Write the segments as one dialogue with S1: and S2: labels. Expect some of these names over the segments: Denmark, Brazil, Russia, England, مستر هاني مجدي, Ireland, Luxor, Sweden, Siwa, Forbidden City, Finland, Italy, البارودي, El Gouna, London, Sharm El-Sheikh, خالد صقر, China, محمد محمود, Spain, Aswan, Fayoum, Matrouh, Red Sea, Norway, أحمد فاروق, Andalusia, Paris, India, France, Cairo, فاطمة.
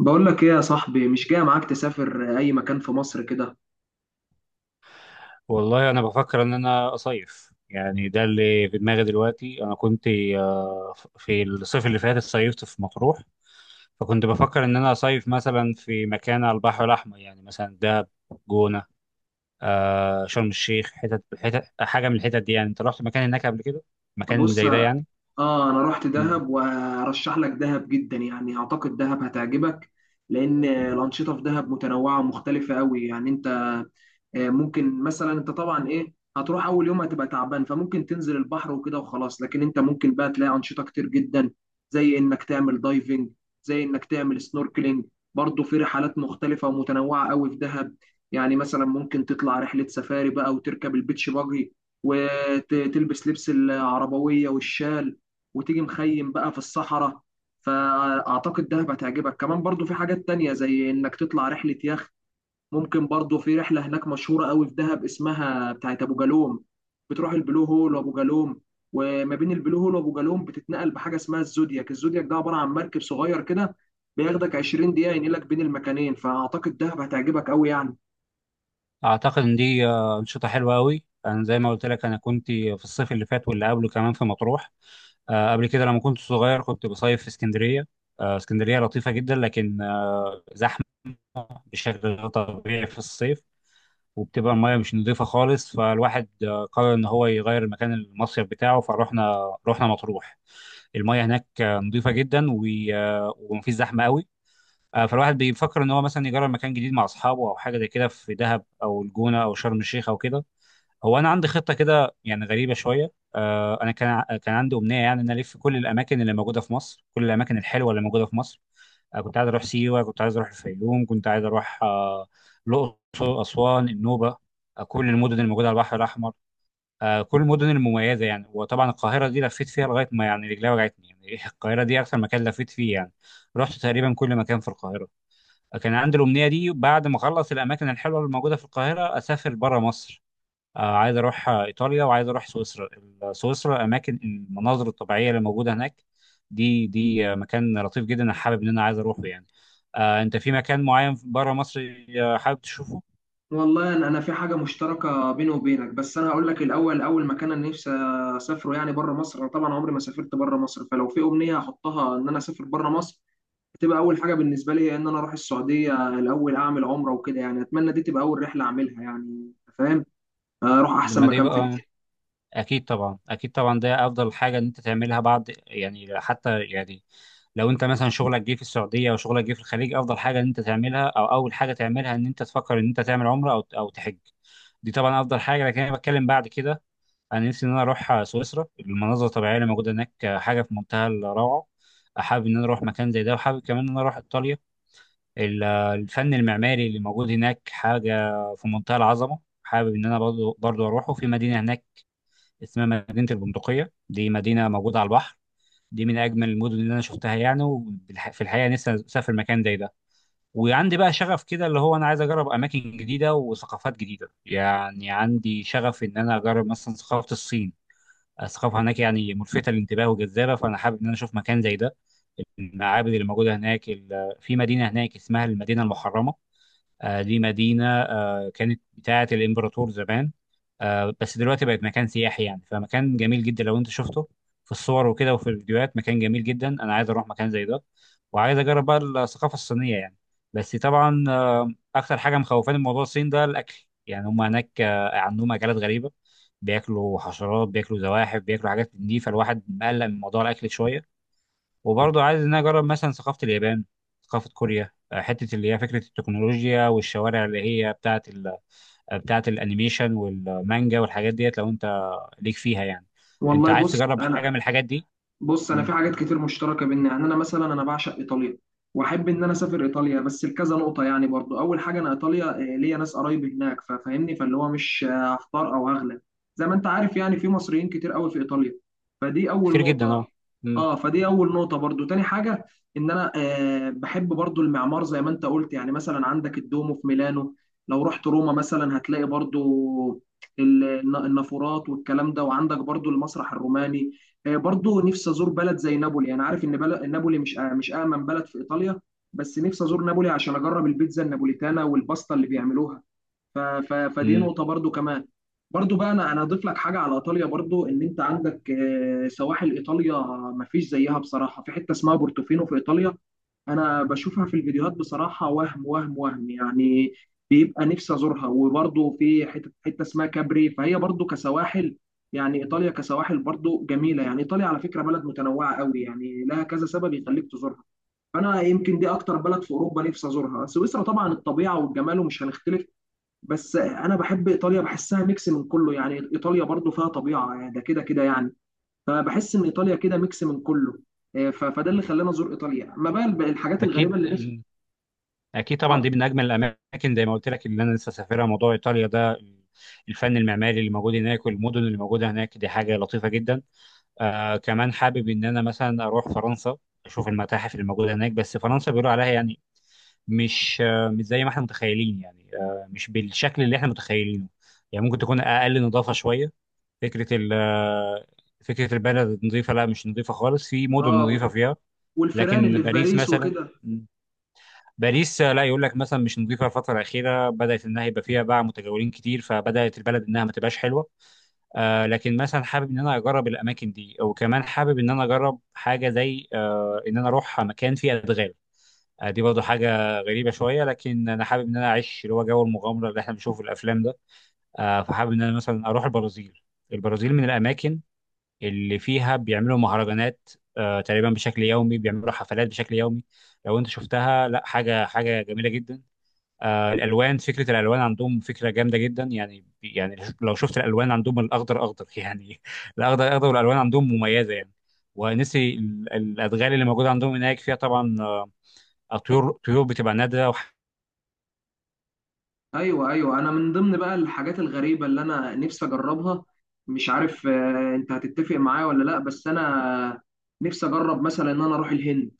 S1: بقول لك ايه يا صاحبي؟ مش جاي معاك تسافر اي مكان في مصر كده؟
S2: والله انا بفكر ان انا اصيف، يعني ده اللي في دماغي دلوقتي. انا كنت في الصيف اللي فات صيفت في مطروح. فكنت بفكر ان انا اصيف مثلا في مكان على البحر الاحمر، يعني مثلا دهب، جونه، شرم الشيخ، حتت حتت حاجه من الحتت دي، يعني انت رحت مكان هناك قبل كده؟ مكان
S1: بص،
S2: زي ده يعني.
S1: اه انا رحت
S2: مم.
S1: دهب وارشح لك دهب جدا يعني، اعتقد دهب هتعجبك لان الانشطه في دهب متنوعه ومختلفه قوي يعني. ممكن مثلا انت طبعا ايه، هتروح اول يوم هتبقى تعبان فممكن تنزل البحر وكده وخلاص، لكن انت ممكن بقى تلاقي انشطه كتير جدا، زي انك تعمل دايفنج، زي انك تعمل سنوركلينج. برضه في رحلات مختلفه ومتنوعه قوي في دهب، يعني مثلا ممكن تطلع رحله سفاري بقى وتركب البيتش باجي، وتلبس لبس العربويه والشال، وتيجي مخيم بقى في الصحراء. فاعتقد دهب هتعجبك. كمان برضه في حاجات تانية، زي انك تطلع رحله يخت. ممكن برضو في رحله هناك مشهوره قوي في دهب اسمها بتاعت ابو جالوم، بتروح البلو هول وابو جالوم. وما بين البلو هول وابو جالوم بتتنقل بحاجه اسمها الزودياك، الزودياك ده عباره عن مركب صغير كده، بياخدك 20 دقيقه ينقلك بين المكانين. فاعتقد دهب هتعجبك قوي يعني.
S2: اعتقد ان دي انشطه حلوه قوي. انا زي ما قلت لك، انا كنت في الصيف اللي فات واللي قبله كمان في مطروح. قبل كده لما كنت صغير كنت بصيف في اسكندرية. اسكندرية لطيفة جدا، لكن زحمة بشكل غير طبيعي في الصيف، وبتبقى المياه مش نظيفة خالص. فالواحد قرر إن هو يغير مكان المصيف بتاعه، فروحنا رحنا مطروح. المياه هناك نظيفة جدا ومفيش زحمة قوي. فالواحد بيفكر إن هو مثلا يجرب مكان جديد مع أصحابه أو حاجة زي كده في دهب أو الجونة أو شرم الشيخ أو كده. هو انا عندي خطه كده يعني غريبه شويه. انا كان عندي امنيه، يعني ان أنا الف كل الاماكن اللي موجوده في مصر، كل الاماكن الحلوه اللي موجوده في مصر. كنت عايز اروح سيوه، كنت عايز اروح الفيوم، كنت عايز اروح الاقصر، اسوان، النوبه. كل المدن الموجوده على البحر الاحمر، كل المدن المميزه يعني. وطبعا القاهره دي لفيت فيها لغايه ما يعني رجلي وجعتني يعني القاهره دي اكثر مكان لفيت فيه يعني. رحت تقريبا كل مكان في القاهره. كان عندي الامنيه دي، بعد ما اخلص الاماكن الحلوه اللي موجوده في القاهره اسافر بره مصر. عايز اروح ايطاليا وعايز اروح سويسرا. سويسرا، اماكن المناظر الطبيعيه اللي موجوده هناك، دي مكان لطيف جدا، انا حابب ان انا عايز اروحه يعني. انت في مكان معين بره مصر حابب تشوفه؟
S1: والله انا، في حاجه مشتركه بيني وبينك، بس انا هقول لك الاول. اول مكان انا نفسي اسافره يعني بره مصر، انا طبعا عمري ما سافرت بره مصر، فلو في امنيه هحطها ان انا اسافر بره مصر، هتبقى اول حاجه بالنسبه لي ان انا اروح السعوديه الاول اعمل عمره وكده يعني. اتمنى دي تبقى اول رحله اعملها يعني، أنت فاهم؟ اروح احسن
S2: ما ده
S1: مكان في
S2: يبقى
S1: الدنيا.
S2: اكيد طبعا، اكيد طبعا ده افضل حاجه ان انت تعملها بعد، يعني حتى يعني لو انت مثلا شغلك جه في السعوديه او شغلك جه في الخليج، افضل حاجه ان انت تعملها او اول حاجه تعملها ان انت تفكر ان انت تعمل عمره او تحج. دي طبعا افضل حاجه، لكن انا بتكلم بعد كده. انا نفسي ان انا اروح سويسرا، المناظر الطبيعيه اللي موجوده هناك حاجه في منتهى الروعه. حابب ان انا اروح مكان زي ده، وحابب كمان ان انا اروح ايطاليا. الفن المعماري اللي موجود هناك حاجه في منتهى العظمه. حابب ان انا برضو برضو اروحه في مدينه هناك اسمها مدينه البندقيه. دي مدينه موجوده على البحر، دي من اجمل المدن اللي انا شفتها يعني، وفي الحقيقه نفسي اسافر مكان زي ده. وعندي بقى شغف كده، اللي هو انا عايز اجرب اماكن جديده وثقافات جديده، يعني عندي شغف ان انا اجرب مثلا ثقافه الصين. الثقافه هناك يعني ملفته للانتباه وجذابه، فانا حابب ان انا اشوف مكان زي ده. المعابد اللي موجوده هناك، في مدينه هناك اسمها المدينه المحرمه. دي مدينة كانت بتاعة الإمبراطور زمان، بس دلوقتي بقت مكان سياحي يعني، فمكان جميل جدا لو أنت شفته في الصور وكده وفي الفيديوهات. مكان جميل جدا، أنا عايز أروح مكان زي ده وعايز أجرب بقى الثقافة الصينية يعني. بس طبعا أكتر حاجة مخوفاني من موضوع الصين ده الأكل، يعني هم هناك عندهم أكلات غريبة، بياكلوا حشرات، بياكلوا زواحف، بياكلوا حاجات من دي. فالواحد مقلق من موضوع الأكل شوية. وبرضه عايز ان أنا اجرب مثلا ثقافه اليابان، ثقافه كوريا. حته اللي هي فكره التكنولوجيا والشوارع اللي هي بتاعه بتاعه الانيميشن والمانجا والحاجات ديت. لو انت ليك فيها يعني، انت
S1: والله،
S2: عايز
S1: بص
S2: تجرب
S1: انا
S2: حاجه من الحاجات دي؟
S1: بص انا
S2: مم.
S1: في حاجات كتير مشتركه بينا يعني، انا مثلا، انا بعشق ايطاليا، واحب ان انا اسافر ايطاليا بس لكذا نقطه يعني. برضو اول حاجه، انا ايطاليا ليا ناس قرايب هناك، ففاهمني فاللي هو مش هختار او هغلب، زي ما انت عارف يعني في مصريين كتير قوي في ايطاليا، فدي اول
S2: كتير جدا، اه.
S1: نقطه.
S2: مم.
S1: اه، فدي اول نقطه برضو. تاني حاجه، ان انا بحب برضو المعمار زي ما انت قلت، يعني مثلا عندك الدومو في ميلانو، لو رحت روما مثلا هتلاقي برضو النافورات والكلام ده، وعندك برضو المسرح الروماني. برضو نفسي ازور بلد زي نابولي، انا عارف ان بلد نابولي مش مش امن بلد في ايطاليا، بس نفسي ازور نابولي عشان اجرب البيتزا النابوليتانا والباستا اللي بيعملوها. فدي
S2: مم.
S1: نقطة برضو كمان. برضو بقى، انا اضيف لك حاجة على ايطاليا، برضو ان انت عندك سواحل ايطاليا مفيش زيها بصراحة. في حتة اسمها بورتوفينو في ايطاليا، انا بشوفها في الفيديوهات بصراحه، وهم يعني، بيبقى نفسي ازورها. وبرضه في حته حته اسمها كابري، فهي برضه كسواحل يعني. ايطاليا كسواحل برضه جميله، يعني ايطاليا على فكره بلد متنوعه قوي يعني، لها كذا سبب يخليك تزورها. فانا يمكن دي اكتر بلد في اوروبا نفسي ازورها. سويسرا طبعا الطبيعه والجمال ومش هنختلف، بس انا بحب ايطاليا، بحسها ميكس من كله يعني. ايطاليا برضه فيها طبيعه، يعني ده كده كده يعني، فبحس ان ايطاليا كده ميكس من كله. فده اللي خلاني ازور ايطاليا، ما بقى الحاجات الغريبه
S2: اكيد.
S1: اللي نفسي.
S2: مم. اكيد طبعا،
S1: اه.
S2: دي من اجمل الاماكن زي ما قلت لك اللي انا لسه سافرها، موضوع ايطاليا ده الفن المعماري اللي موجود هناك والمدن اللي موجوده هناك دي حاجه لطيفه جدا. كمان حابب ان انا مثلا اروح فرنسا، اشوف المتاحف الموجوده هناك، بس فرنسا بيقولوا عليها يعني مش مش زي ما احنا متخيلين، يعني مش بالشكل اللي احنا متخيلينه، يعني ممكن تكون اقل نظافه شويه. فكره ال آه، فكره البلد نظيفه؟ لا، مش نظيفه خالص. في مدن نظيفه
S1: آه،
S2: فيها،
S1: والفيران
S2: لكن
S1: اللي في
S2: باريس
S1: باريس
S2: مثلا،
S1: وكده.
S2: باريس لا، يقول لك مثلا مش نظيفه. الفتره الاخيره بدات انها يبقى فيها باع متجولين كتير، فبدات البلد انها ما تبقاش حلوه. لكن مثلا حابب ان انا اجرب الاماكن دي، وكمان حابب ان انا اجرب حاجه زي ان انا اروح مكان فيه ادغال. دي برضه حاجه غريبه شويه، لكن انا حابب ان انا اعيش اللي هو جو المغامره اللي احنا بنشوفه في الافلام ده. فحابب ان انا مثلا اروح البرازيل. البرازيل من الاماكن اللي فيها بيعملوا مهرجانات تقريبا بشكل يومي، بيعملوا حفلات بشكل يومي. لو انت شفتها، لا، حاجه حاجه جميله جدا. الالوان، فكره الالوان عندهم فكره جامده جدا، يعني لو شفت الالوان عندهم الاخضر اخضر يعني. الاخضر اخضر والالوان عندهم مميزه يعني. ونسي الادغال اللي موجوده عندهم هناك، فيها طبعا طيور، طيور بتبقى نادره
S1: ايوه، ايوه، انا من ضمن بقى الحاجات الغريبه اللي انا نفسي اجربها، مش عارف انت هتتفق معايا ولا لا، بس انا نفسي اجرب مثلا ان انا اروح الهند.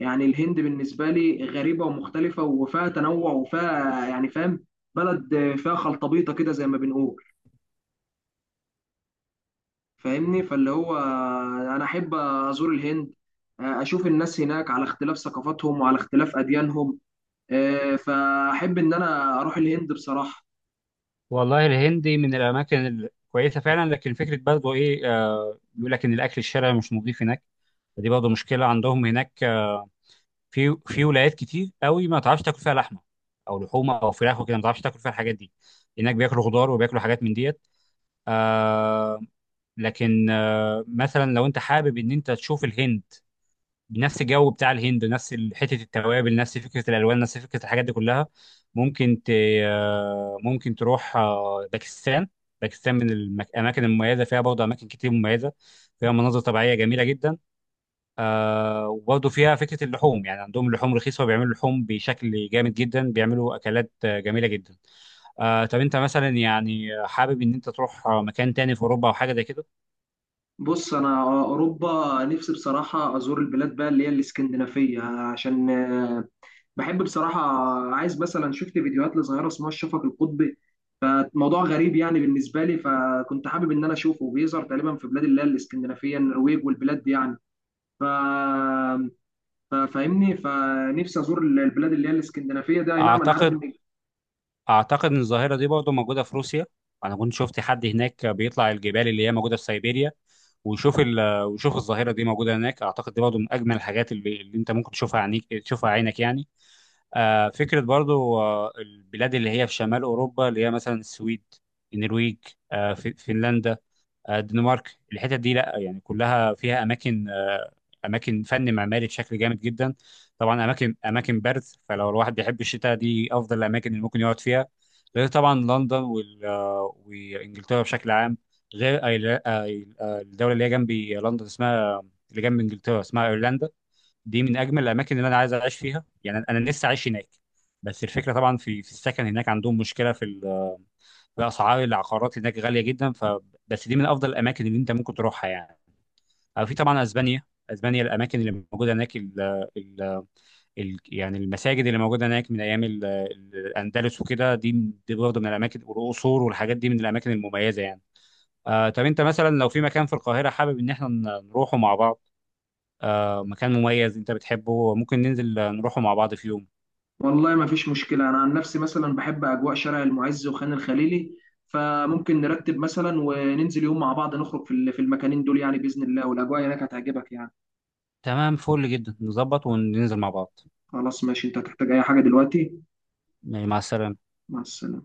S1: يعني الهند بالنسبه لي غريبه ومختلفه وفيها تنوع وفيها يعني، فاهم؟ بلد فيها خلطبيطه كده زي ما بنقول، فاهمني فاللي هو انا احب ازور الهند. اشوف الناس هناك على اختلاف ثقافاتهم وعلى اختلاف اديانهم. فاحب ان انا اروح الهند بصراحة.
S2: والله الهندي من الاماكن الكويسه فعلا، لكن فكره برضه ايه، بيقول لك ان الاكل الشرعي مش نظيف هناك، فدي برضه مشكله عندهم هناك. في ولايات كتير قوي ما تعرفش تاكل فيها لحمه او لحوم او فراخ وكده، ما تعرفش تاكل فيها الحاجات دي. هناك بياكلوا خضار وبياكلوا حاجات من ديت. آه لكن مثلا لو انت حابب ان انت تشوف الهند بنفس الجو بتاع الهند، نفس حته التوابل، نفس فكره الالوان، نفس فكره الحاجات دي كلها، ممكن ت آه ممكن تروح باكستان. باكستان من الاماكن المميزه، فيها برضه اماكن كتير مميزه، فيها مناظر طبيعيه جميله جدا. وبرضه فيها فكره اللحوم، يعني عندهم لحوم رخيصه وبيعملوا لحوم بشكل جامد جدا، بيعملوا اكلات جميله جدا. طب انت مثلا، يعني حابب ان انت تروح مكان تاني في اوروبا او حاجه زي كده؟
S1: بص، انا اوروبا نفسي بصراحة ازور البلاد بقى اللي هي الاسكندنافية، عشان بحب بصراحة. عايز مثلا، شفت فيديوهات لظاهرة اسمها الشفق القطبي، فموضوع غريب يعني بالنسبة لي، فكنت حابب ان انا اشوفه. بيظهر تقريبا في بلاد اللي هي الاسكندنافية، النرويج والبلاد دي يعني. ف فاهمني، فنفسي ازور البلاد اللي هي الاسكندنافيه ده. اي نعم انا عارف
S2: اعتقد
S1: ان...
S2: اعتقد ان الظاهره دي برضه موجوده في روسيا. انا كنت شفت حد هناك بيطلع الجبال اللي هي موجوده في سيبيريا، ويشوف ويشوف الظاهره دي موجوده هناك. اعتقد دي برضه من اجمل الحاجات اللي انت ممكن تشوفها عينيك تشوفها عينك يعني. فكره برضه البلاد اللي هي في شمال اوروبا، اللي هي مثلا السويد، النرويج، فنلندا، الدنمارك. الحتت دي لا يعني كلها فيها اماكن، اماكن فن معماري بشكل جامد جدا. طبعا اماكن، اماكن برد، فلو الواحد بيحب الشتاء دي افضل الاماكن اللي ممكن يقعد فيها. غير طبعا لندن وانجلترا بشكل عام. غير الدوله اللي هي جنبي لندن اسمها، اللي جنب انجلترا اسمها ايرلندا. دي من اجمل الاماكن اللي انا عايز اعيش فيها يعني، أنا نفسي اعيش هناك. بس الفكره طبعا في السكن هناك، عندهم مشكله في اسعار العقارات هناك غاليه جدا، بس دي من افضل الاماكن اللي انت ممكن تروحها يعني. أو في طبعا اسبانيا. اسبانيا الاماكن اللي موجوده هناك، ال ال ال يعني المساجد اللي موجوده هناك من ايام الاندلس وكده، دي دي برضه من الاماكن، والقصور والحاجات دي من الاماكن المميزه يعني. طب انت مثلا لو في مكان في القاهره حابب ان احنا نروحه مع بعض، مكان مميز انت بتحبه، ممكن ننزل نروحه مع بعض في يوم؟
S1: والله ما فيش مشكله. انا عن نفسي مثلا بحب اجواء شارع المعز وخان الخليلي، فممكن نرتب مثلا وننزل يوم مع بعض، نخرج في في المكانين دول يعني باذن الله، والاجواء هناك هتعجبك يعني.
S2: تمام، فل جدا، نظبط وننزل مع بعض.
S1: خلاص، ماشي. انت هتحتاج اي حاجه دلوقتي؟
S2: مع السلامة.
S1: مع السلامه.